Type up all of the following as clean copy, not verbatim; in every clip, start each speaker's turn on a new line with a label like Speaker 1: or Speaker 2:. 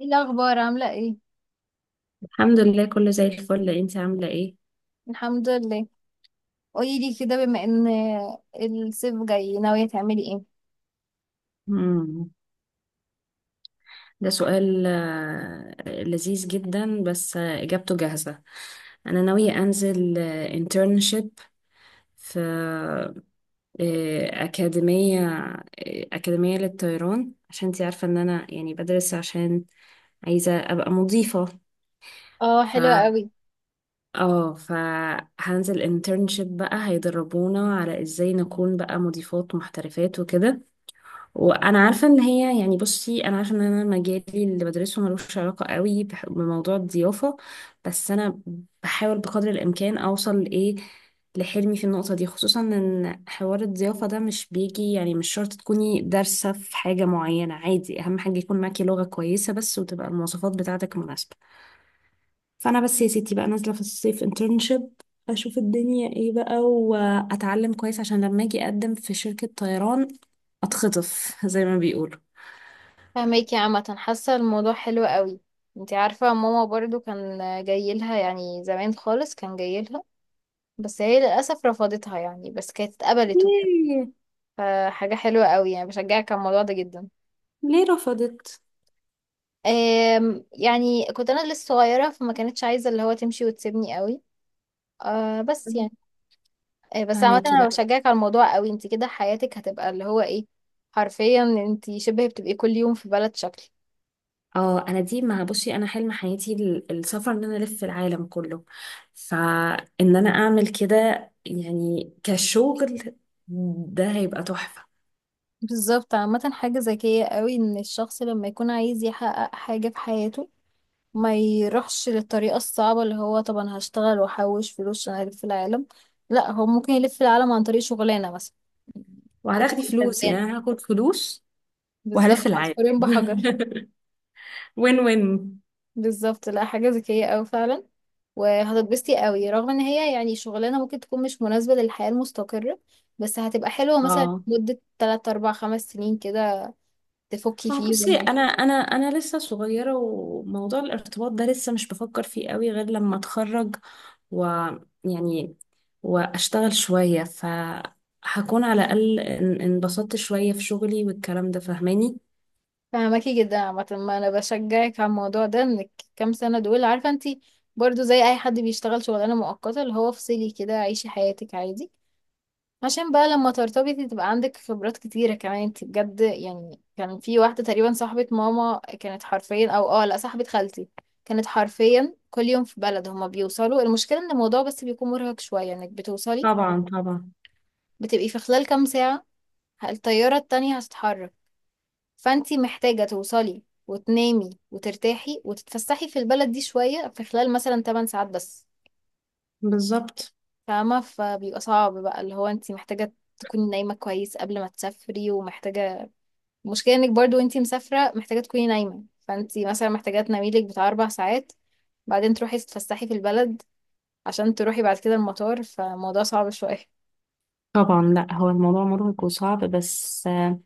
Speaker 1: ايه الاخبار؟ عامله ايه؟
Speaker 2: الحمد لله، كله زي الفل. انت عاملة ايه؟
Speaker 1: الحمد لله. قولي لي كده، بما ان الصيف جاي ناويه تعملي ايه؟
Speaker 2: مم. ده سؤال لذيذ جدا. بس اجابته جاهزة. انا ناوية انزل انترنشيب في آه، اكاديمية آه، اكاديمية للطيران، عشان انت عارفة ان انا يعني بدرس، عشان عايزة ابقى مضيفة.
Speaker 1: اه،
Speaker 2: ف
Speaker 1: حلوه قوي.
Speaker 2: اه فهنزل انترنشيب بقى، هيدربونا على ازاي نكون بقى مضيفات محترفات وكده. وانا عارفه ان هي يعني، بصي، انا عارفه ان انا مجالي اللي بدرسه ملوش علاقه قوي بموضوع الضيافه. بس انا بحاول بقدر الامكان اوصل لايه، لحلمي في النقطه دي. خصوصا ان حوار الضيافه ده مش بيجي، يعني مش شرط تكوني دارسه في حاجه معينه، عادي، اهم حاجه يكون معاكي لغه كويسه بس، وتبقى المواصفات بتاعتك مناسبه. فانا بس يا ستي بقى نازله في الصيف انترنشيب، اشوف الدنيا ايه بقى واتعلم كويس، عشان لما اجي اقدم في شركه طيران اتخطف زي ما بيقولوا.
Speaker 1: فهماكي. عامه حاسه الموضوع حلو قوي. انت عارفه ماما برضو كان جاي لها، يعني زمان خالص كان جاي لها، بس هي للاسف رفضتها. يعني بس كانت اتقبلت وكده،
Speaker 2: ليه؟
Speaker 1: فحاجه حلوه قوي يعني. بشجعك على الموضوع ده جدا.
Speaker 2: ليه رفضت؟
Speaker 1: يعني كنت انا لسه صغيره، فما كانتش عايزه اللي هو تمشي وتسيبني قوي. بس يعني، بس عامة
Speaker 2: فهماكي،
Speaker 1: انا
Speaker 2: لا.
Speaker 1: بشجعك على الموضوع قوي. انت كده حياتك هتبقى اللي هو ايه، حرفيا انت شبه بتبقي كل يوم في بلد شكل.
Speaker 2: اه، انا دي مع، بصي، انا حلم حياتي السفر ان انا الف العالم كله. فان انا اعمل كده يعني كشغل، ده هيبقى تحفة.
Speaker 1: بالظبط. عامة حاجة ذكية قوي ان الشخص لما يكون عايز يحقق حاجة في حياته ما يروحش للطريقة الصعبة اللي هو طب انا هشتغل واحوش فلوس عشان الف العالم. لا، هو ممكن يلف العالم عن طريق شغلانة مثلا، كده
Speaker 2: وهتاخدي
Speaker 1: يبقى
Speaker 2: فلوس
Speaker 1: كسبان.
Speaker 2: يعني، أنا هاخد فلوس وهلف
Speaker 1: بالظبط،
Speaker 2: العالم
Speaker 1: عصفورين بحجر.
Speaker 2: وين وين.
Speaker 1: بالظبط، لا حاجة ذكية أوي فعلا. وهتتبسطي أوي، رغم إن هي يعني شغلانة ممكن تكون مش مناسبة للحياة المستقرة، بس هتبقى حلوة مثلا
Speaker 2: اه،
Speaker 1: مدة تلات أربع خمس سنين كده، تفكي
Speaker 2: ما هو بصي،
Speaker 1: فيهم.
Speaker 2: انا لسه صغيره، وموضوع الارتباط ده لسه مش بفكر فيه قوي غير لما اتخرج ويعني واشتغل شويه، فهكون على الاقل انبسطت شويه في شغلي والكلام ده فاهماني.
Speaker 1: فهماكي جدا. عامة ما أنا بشجعك على الموضوع ده إنك، كام سنة دول عارفة انتي، برضو زي أي حد بيشتغل شغلانة مؤقتة اللي هو افصلي كده، عيشي حياتك عادي، عشان بقى لما ترتبطي تبقى عندك خبرات كتيرة كمان. انت بجد يعني كان في واحدة تقريبا صاحبة ماما، كانت حرفيا، او اه لا، صاحبة خالتي، كانت حرفيا كل يوم في بلد. هما بيوصلوا، المشكلة ان الموضوع بس بيكون مرهق شوية، انك بتوصلي،
Speaker 2: طبعا طبعا.
Speaker 1: بتبقي في خلال كام ساعة الطيارة التانية هتتحرك. فانت محتاجة توصلي وتنامي وترتاحي وتتفسحي في البلد دي شوية في خلال مثلا 8 ساعات بس.
Speaker 2: بالظبط.
Speaker 1: فاهمة؟ فبيبقى صعب بقى اللي هو انت محتاجة تكوني نايمة كويس قبل ما تسافري، ومحتاجة، المشكلة انك برضو وانتي مسافرة محتاجة تكوني نايمة، فانتي مثلا محتاجة تناميلك بتاع 4 ساعات، بعدين تروحي تتفسحي في البلد عشان تروحي بعد كده المطار، فالموضوع صعب شوية.
Speaker 2: طبعا، لا، هو الموضوع مرهق وصعب، بس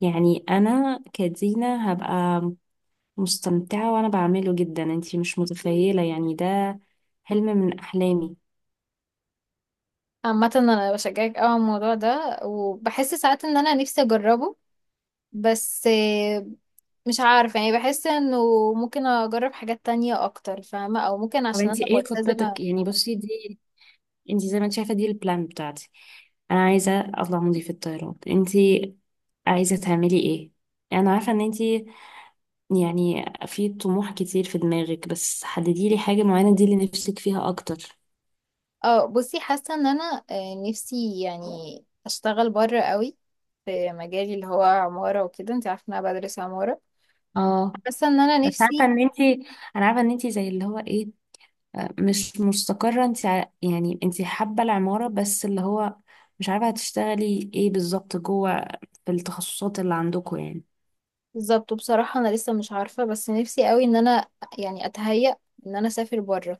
Speaker 2: يعني انا كدينا هبقى مستمتعه وانا بعمله جدا، انتي مش متخيله، يعني ده حلم من احلامي.
Speaker 1: عامة أنا بشجعك أوي على الموضوع ده وبحس ساعات إن أنا نفسي أجربه، بس مش عارفة يعني، بحس إنه ممكن أجرب حاجات تانية أكتر، فاهمة؟ أو ممكن
Speaker 2: طب
Speaker 1: عشان
Speaker 2: انت
Speaker 1: أنا
Speaker 2: ايه خطتك؟
Speaker 1: ملتزمة.
Speaker 2: يعني بصي، دي انت زي ما انت شايفه دي البلان بتاعتي. انا عايزه اطلع مضيفه الطيران، انت عايزه تعملي ايه؟ انا عارفه ان انت يعني في طموح كتير في دماغك، بس حددي لي حاجه معينه دي اللي نفسك فيها اكتر.
Speaker 1: اه، بصي حاسة إن أنا نفسي يعني أشتغل بره قوي في مجالي اللي هو عمارة وكده. انت عارفة إن أنا بدرس عمارة.
Speaker 2: اه،
Speaker 1: حاسه ان انا
Speaker 2: بس عارفه
Speaker 1: نفسي،
Speaker 2: ان انت، انا عارفه ان انت زي اللي هو ايه، مش مستقره. انت يعني انت حابه العماره بس اللي هو مش عارفه هتشتغلي ايه بالظبط جوه في التخصصات اللي عندكم يعني.
Speaker 1: بالظبط. وبصراحه انا لسه مش عارفه، بس نفسي قوي ان انا يعني اتهيأ ان انا اسافر بره.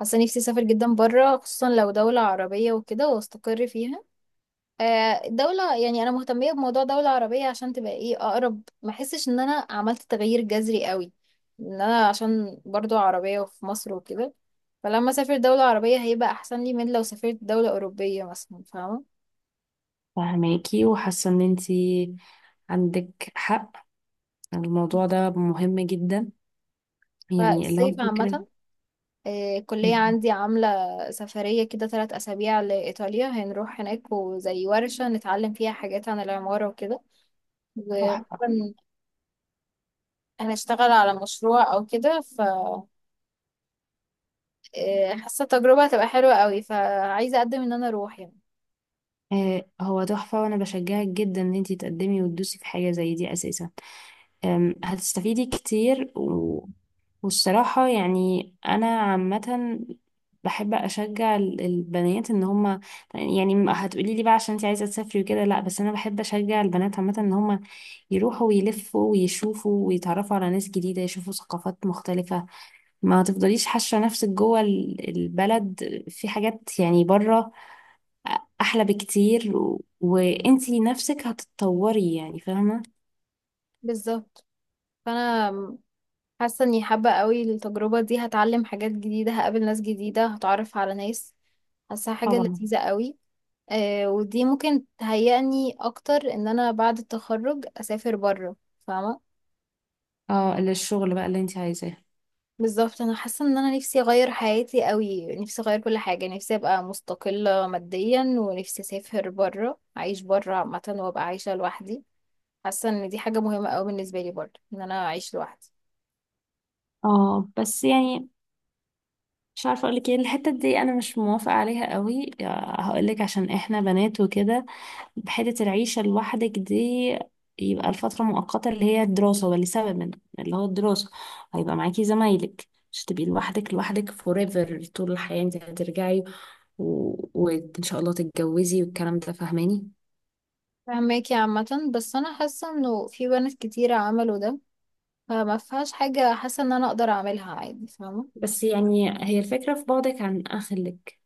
Speaker 1: حاسه نفسي اسافر جدا بره، خصوصا لو دوله عربيه وكده واستقر فيها. دولة، يعني أنا مهتمية بموضوع دولة عربية عشان تبقى إيه، أقرب، ما أحسش إن أنا عملت تغيير جذري قوي، إن أنا عشان برضو عربية وفي مصر وكده. فلما أسافر دولة عربية هيبقى أحسن لي من لو سافرت دولة أوروبية مثلا، فاهمة؟
Speaker 2: فهماكي، وحاسة ان انتي عندك حق، الموضوع ده مهم جدا، يعني اللي هو
Speaker 1: فالصيف
Speaker 2: فكرة
Speaker 1: عامة، الكلية عندي عاملة سفرية كده 3 أسابيع لإيطاليا. هنروح هناك وزي ورشة نتعلم فيها حاجات عن العمارة وكده،
Speaker 2: تحفة.
Speaker 1: وغالبا هنشتغل على مشروع أو كده. ف حاسة التجربة هتبقى حلوة قوي، فعايزة أقدم إن أنا أروح يعني.
Speaker 2: آه، هو تحفة، وانا بشجعك جدا ان انتي تقدمي وتدوسي في حاجة زي دي اساسا. هتستفيدي كتير. والصراحة يعني أنا عامة بحب أشجع البنات إن هما، يعني هتقولي لي بقى عشان أنت عايزة تسافري وكده، لأ، بس أنا بحب أشجع البنات عامة إن هما يروحوا ويلفوا ويشوفوا ويتعرفوا على ناس جديدة، يشوفوا ثقافات مختلفة. ما تفضليش حاشة نفسك جوه البلد، في حاجات يعني بره أحلى بكتير، وأنتي نفسك هتتطوري يعني، فاهمة؟
Speaker 1: بالظبط. فأنا حاسة إني حابة قوي التجربة دي، هتعلم حاجات جديدة، هقابل ناس جديدة، هتعرف على ناس، حاسة حاجة
Speaker 2: طبعا.
Speaker 1: لذيذة قوي. آه، ودي ممكن تهيئني اكتر ان انا بعد التخرج اسافر بره. فاهمه؟
Speaker 2: اه، للشغل بقى اللي أنت عايزاه.
Speaker 1: بالظبط. انا حاسه ان انا نفسي اغير حياتي قوي، نفسي اغير كل حاجه، نفسي ابقى مستقله ماديا، ونفسي اسافر بره، اعيش بره عامه، وابقى عايشه لوحدي. حاسه ان دي حاجه مهمه قوي بالنسبه لي برضه، ان انا اعيش لوحدي.
Speaker 2: اه، بس يعني مش عارفه اقول لك ايه، الحته دي انا مش موافقه عليها قوي هقول لك، عشان احنا بنات وكده، بحته العيشه لوحدك دي. يبقى الفتره مؤقته اللي هي الدراسه، ولا سبب من اللي هو الدراسه، هيبقى معاكي زمايلك، مش تبقي لوحدك لوحدك forever طول الحياه. انت هترجعي و... وان شاء الله تتجوزي والكلام ده فاهماني.
Speaker 1: فهماكي عامه. بس انا حاسه انه في بنات كتيره عملوا ده، فما فيهاش حاجه. حاسه ان انا اقدر اعملها عادي، فاهمه؟
Speaker 2: بس يعني هي الفكره في بعدك عن اهلك.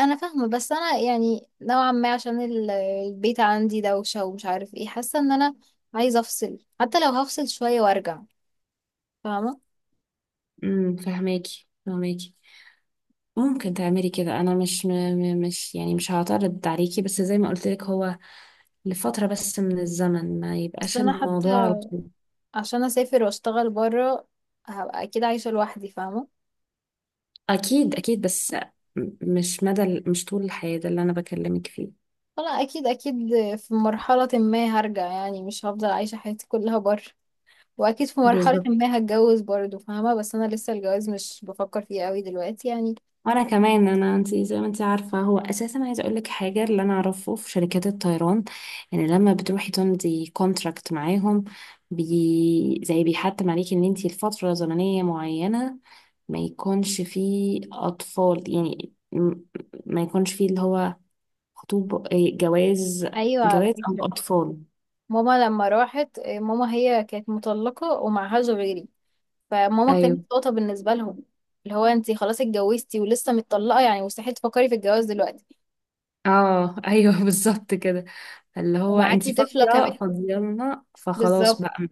Speaker 1: انا فاهمه، بس انا يعني نوعا ما عشان البيت عندي دوشه ومش عارف ايه. حاسه ان انا عايزه افصل، حتى لو هفصل شويه وارجع، فاهمه؟
Speaker 2: فاهماكي فاهماكي. ممكن تعملي كده. انا مش مش يعني مش هعترض عليكي، بس زي ما قلت لك، هو لفترة بس من الزمن، ما
Speaker 1: بس
Speaker 2: يبقاش
Speaker 1: انا حتى
Speaker 2: الموضوع على طول.
Speaker 1: عشان اسافر واشتغل بره هبقى اكيد عايشه لوحدي، فاهمه؟
Speaker 2: أكيد أكيد، بس مش مدى مش طول الحياة ده اللي أنا بكلمك فيه.
Speaker 1: فانا اكيد اكيد في مرحله ما هرجع يعني، مش هفضل عايشه حياتي كلها بره، واكيد في مرحله
Speaker 2: بالظبط.
Speaker 1: ما هتجوز برضه، فاهمه؟ بس انا لسه الجواز مش بفكر فيه قوي دلوقتي يعني.
Speaker 2: وأنا كمان، أنا، أنت زي ما أنت عارفة، هو أساسا عايزة أقولك حاجة اللي أنا أعرفه في شركات الطيران. يعني لما بتروحي تمضي كونتراكت معاهم، بي زي بيحتم عليكي إن أنت لفترة زمنية معينة ما يكونش فيه أطفال، يعني ما يكونش فيه اللي هو خطوب، إيه، جواز.
Speaker 1: ايوه، على
Speaker 2: جواز أو
Speaker 1: فكره،
Speaker 2: أطفال.
Speaker 1: ماما لما راحت، ماما هي كانت مطلقه ومعهاش غيري، فماما كانت
Speaker 2: ايوه.
Speaker 1: نقطة بالنسبة لهم، اللي هو انتي خلاص اتجوزتي ولسه متطلقة، يعني مستحيل تفكري في الجواز دلوقتي.
Speaker 2: اه، ايوه. بالظبط كده. اللي هو انت
Speaker 1: ومعاكي طفلة
Speaker 2: فاضيه
Speaker 1: كمان.
Speaker 2: فاضيه لنا، فخلاص
Speaker 1: بالظبط،
Speaker 2: بقى.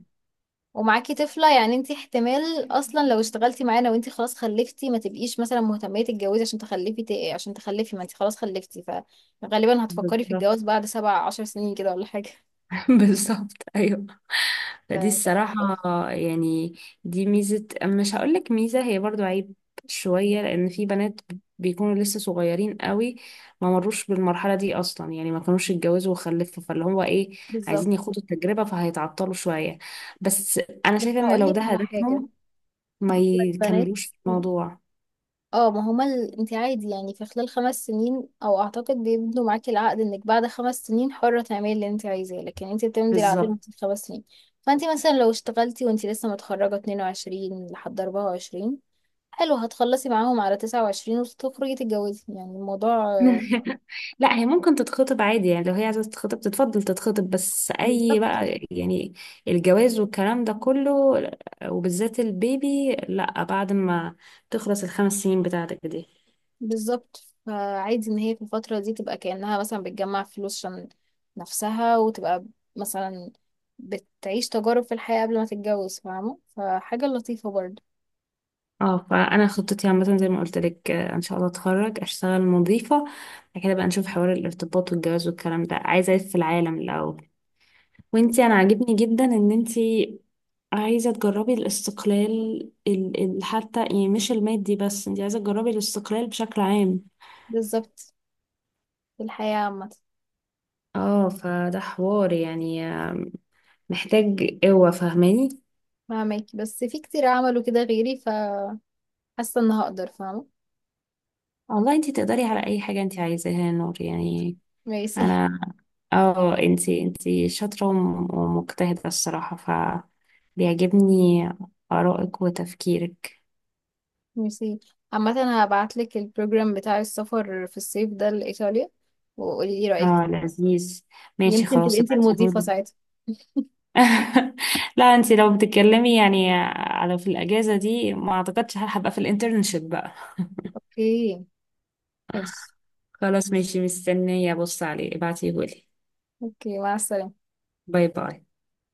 Speaker 1: ومعاكي طفلة، يعني انتي احتمال اصلا لو اشتغلتي معانا وانتي خلاص خلفتي، ما تبقيش مثلا مهتمية تتجوزي عشان تخلفي، عشان تخلفي، ما انتي خلاص خلفتي، فغالبا هتفكري في
Speaker 2: بالظبط.
Speaker 1: الجواز بعد 17 سنين كده ولا حاجة.
Speaker 2: بالظبط، ايوه. فدي
Speaker 1: فكانت،
Speaker 2: الصراحه يعني دي ميزه، مش هقول لك ميزه، هي برضو عيب شويه. لان في بنات بيكونوا لسه صغيرين قوي، ما مروش بالمرحله دي اصلا، يعني ما كانوش اتجوزوا وخلفوا، فاللي هو ايه،
Speaker 1: بالظبط.
Speaker 2: عايزين يخوضوا التجربه فهيتعطلوا شويه. بس انا
Speaker 1: بس
Speaker 2: شايفه ان لو
Speaker 1: هقولك
Speaker 2: ده
Speaker 1: على حاجة،
Speaker 2: هدفهم، ما
Speaker 1: البنات،
Speaker 2: يكملوش في الموضوع.
Speaker 1: اه ما هما انت عادي يعني في خلال خمس سنين، او اعتقد بيبنوا معاكي العقد انك بعد خمس سنين حرة تعملي اللي انت عايزاه، لكن انت بتمضي العقد من
Speaker 2: بالظبط.
Speaker 1: خمس سنين. فانت مثلا لو اشتغلتي وانت لسه متخرجة 22 لحد 24، حلو، هتخلصي معاهم على 29 وتخرجي تتجوزي، يعني الموضوع
Speaker 2: لا، هي ممكن تتخطب عادي، يعني لو هي عايزة تتخطب تتفضل تتخطب، بس أي
Speaker 1: بالظبط.
Speaker 2: بقى يعني الجواز والكلام ده كله، وبالذات البيبي، لا، بعد ما تخلص الـ5 سنين بتاعتك دي.
Speaker 1: بالظبط، فعادي ان هي في الفترة دي تبقى كأنها مثلا بتجمع فلوس عشان نفسها، وتبقى مثلا بتعيش تجارب في الحياة قبل ما تتجوز، فاهمة؟ فحاجة لطيفة برضه.
Speaker 2: اه، فأنا خطتي عامة زي ما قلت لك، إن شاء الله أتخرج أشتغل مضيفة. بعد كده بقى نشوف حوار الارتباط والجواز والكلام ده، عايزة ألف في العالم الأول. وانتي أنا عاجبني جدا إن انتي عايزة تجربي الاستقلال، حتى يعني مش المادي بس، انت عايزة تجربي الاستقلال بشكل عام.
Speaker 1: بالظبط، في الحياة عامة.
Speaker 2: اه، فده حوار يعني محتاج قوة فاهماني.
Speaker 1: فهماكي. بس في كتير عملوا كده غيري، فحاسة ان هقدر، فاهمة؟
Speaker 2: والله انت تقدري على اي حاجة انت عايزاها يا نور، يعني.
Speaker 1: ميرسي،
Speaker 2: انا، اه، انت شاطرة ومجتهدة الصراحة، ف بيعجبني آرائك وتفكيرك.
Speaker 1: ميرسي. عامة هبعتلك البروجرام بتاع السفر في الصيف ده لإيطاليا، وقولي لي رأيك.
Speaker 2: اه، لذيذ. ماشي،
Speaker 1: يمكن تبقي
Speaker 2: خلاص،
Speaker 1: انتي المضيفة
Speaker 2: ابعتيهولي.
Speaker 1: ساعتها.
Speaker 2: لا، انت لو بتتكلمي يعني على في الاجازه دي، ما اعتقدش هبقى في الانترنشيب بقى.
Speaker 1: اوكي، ماشي.
Speaker 2: خلاص، ماشي، مستنيه ابص عليه، ابعتيه لي.
Speaker 1: اوكي، مع السلامة.
Speaker 2: باي باي.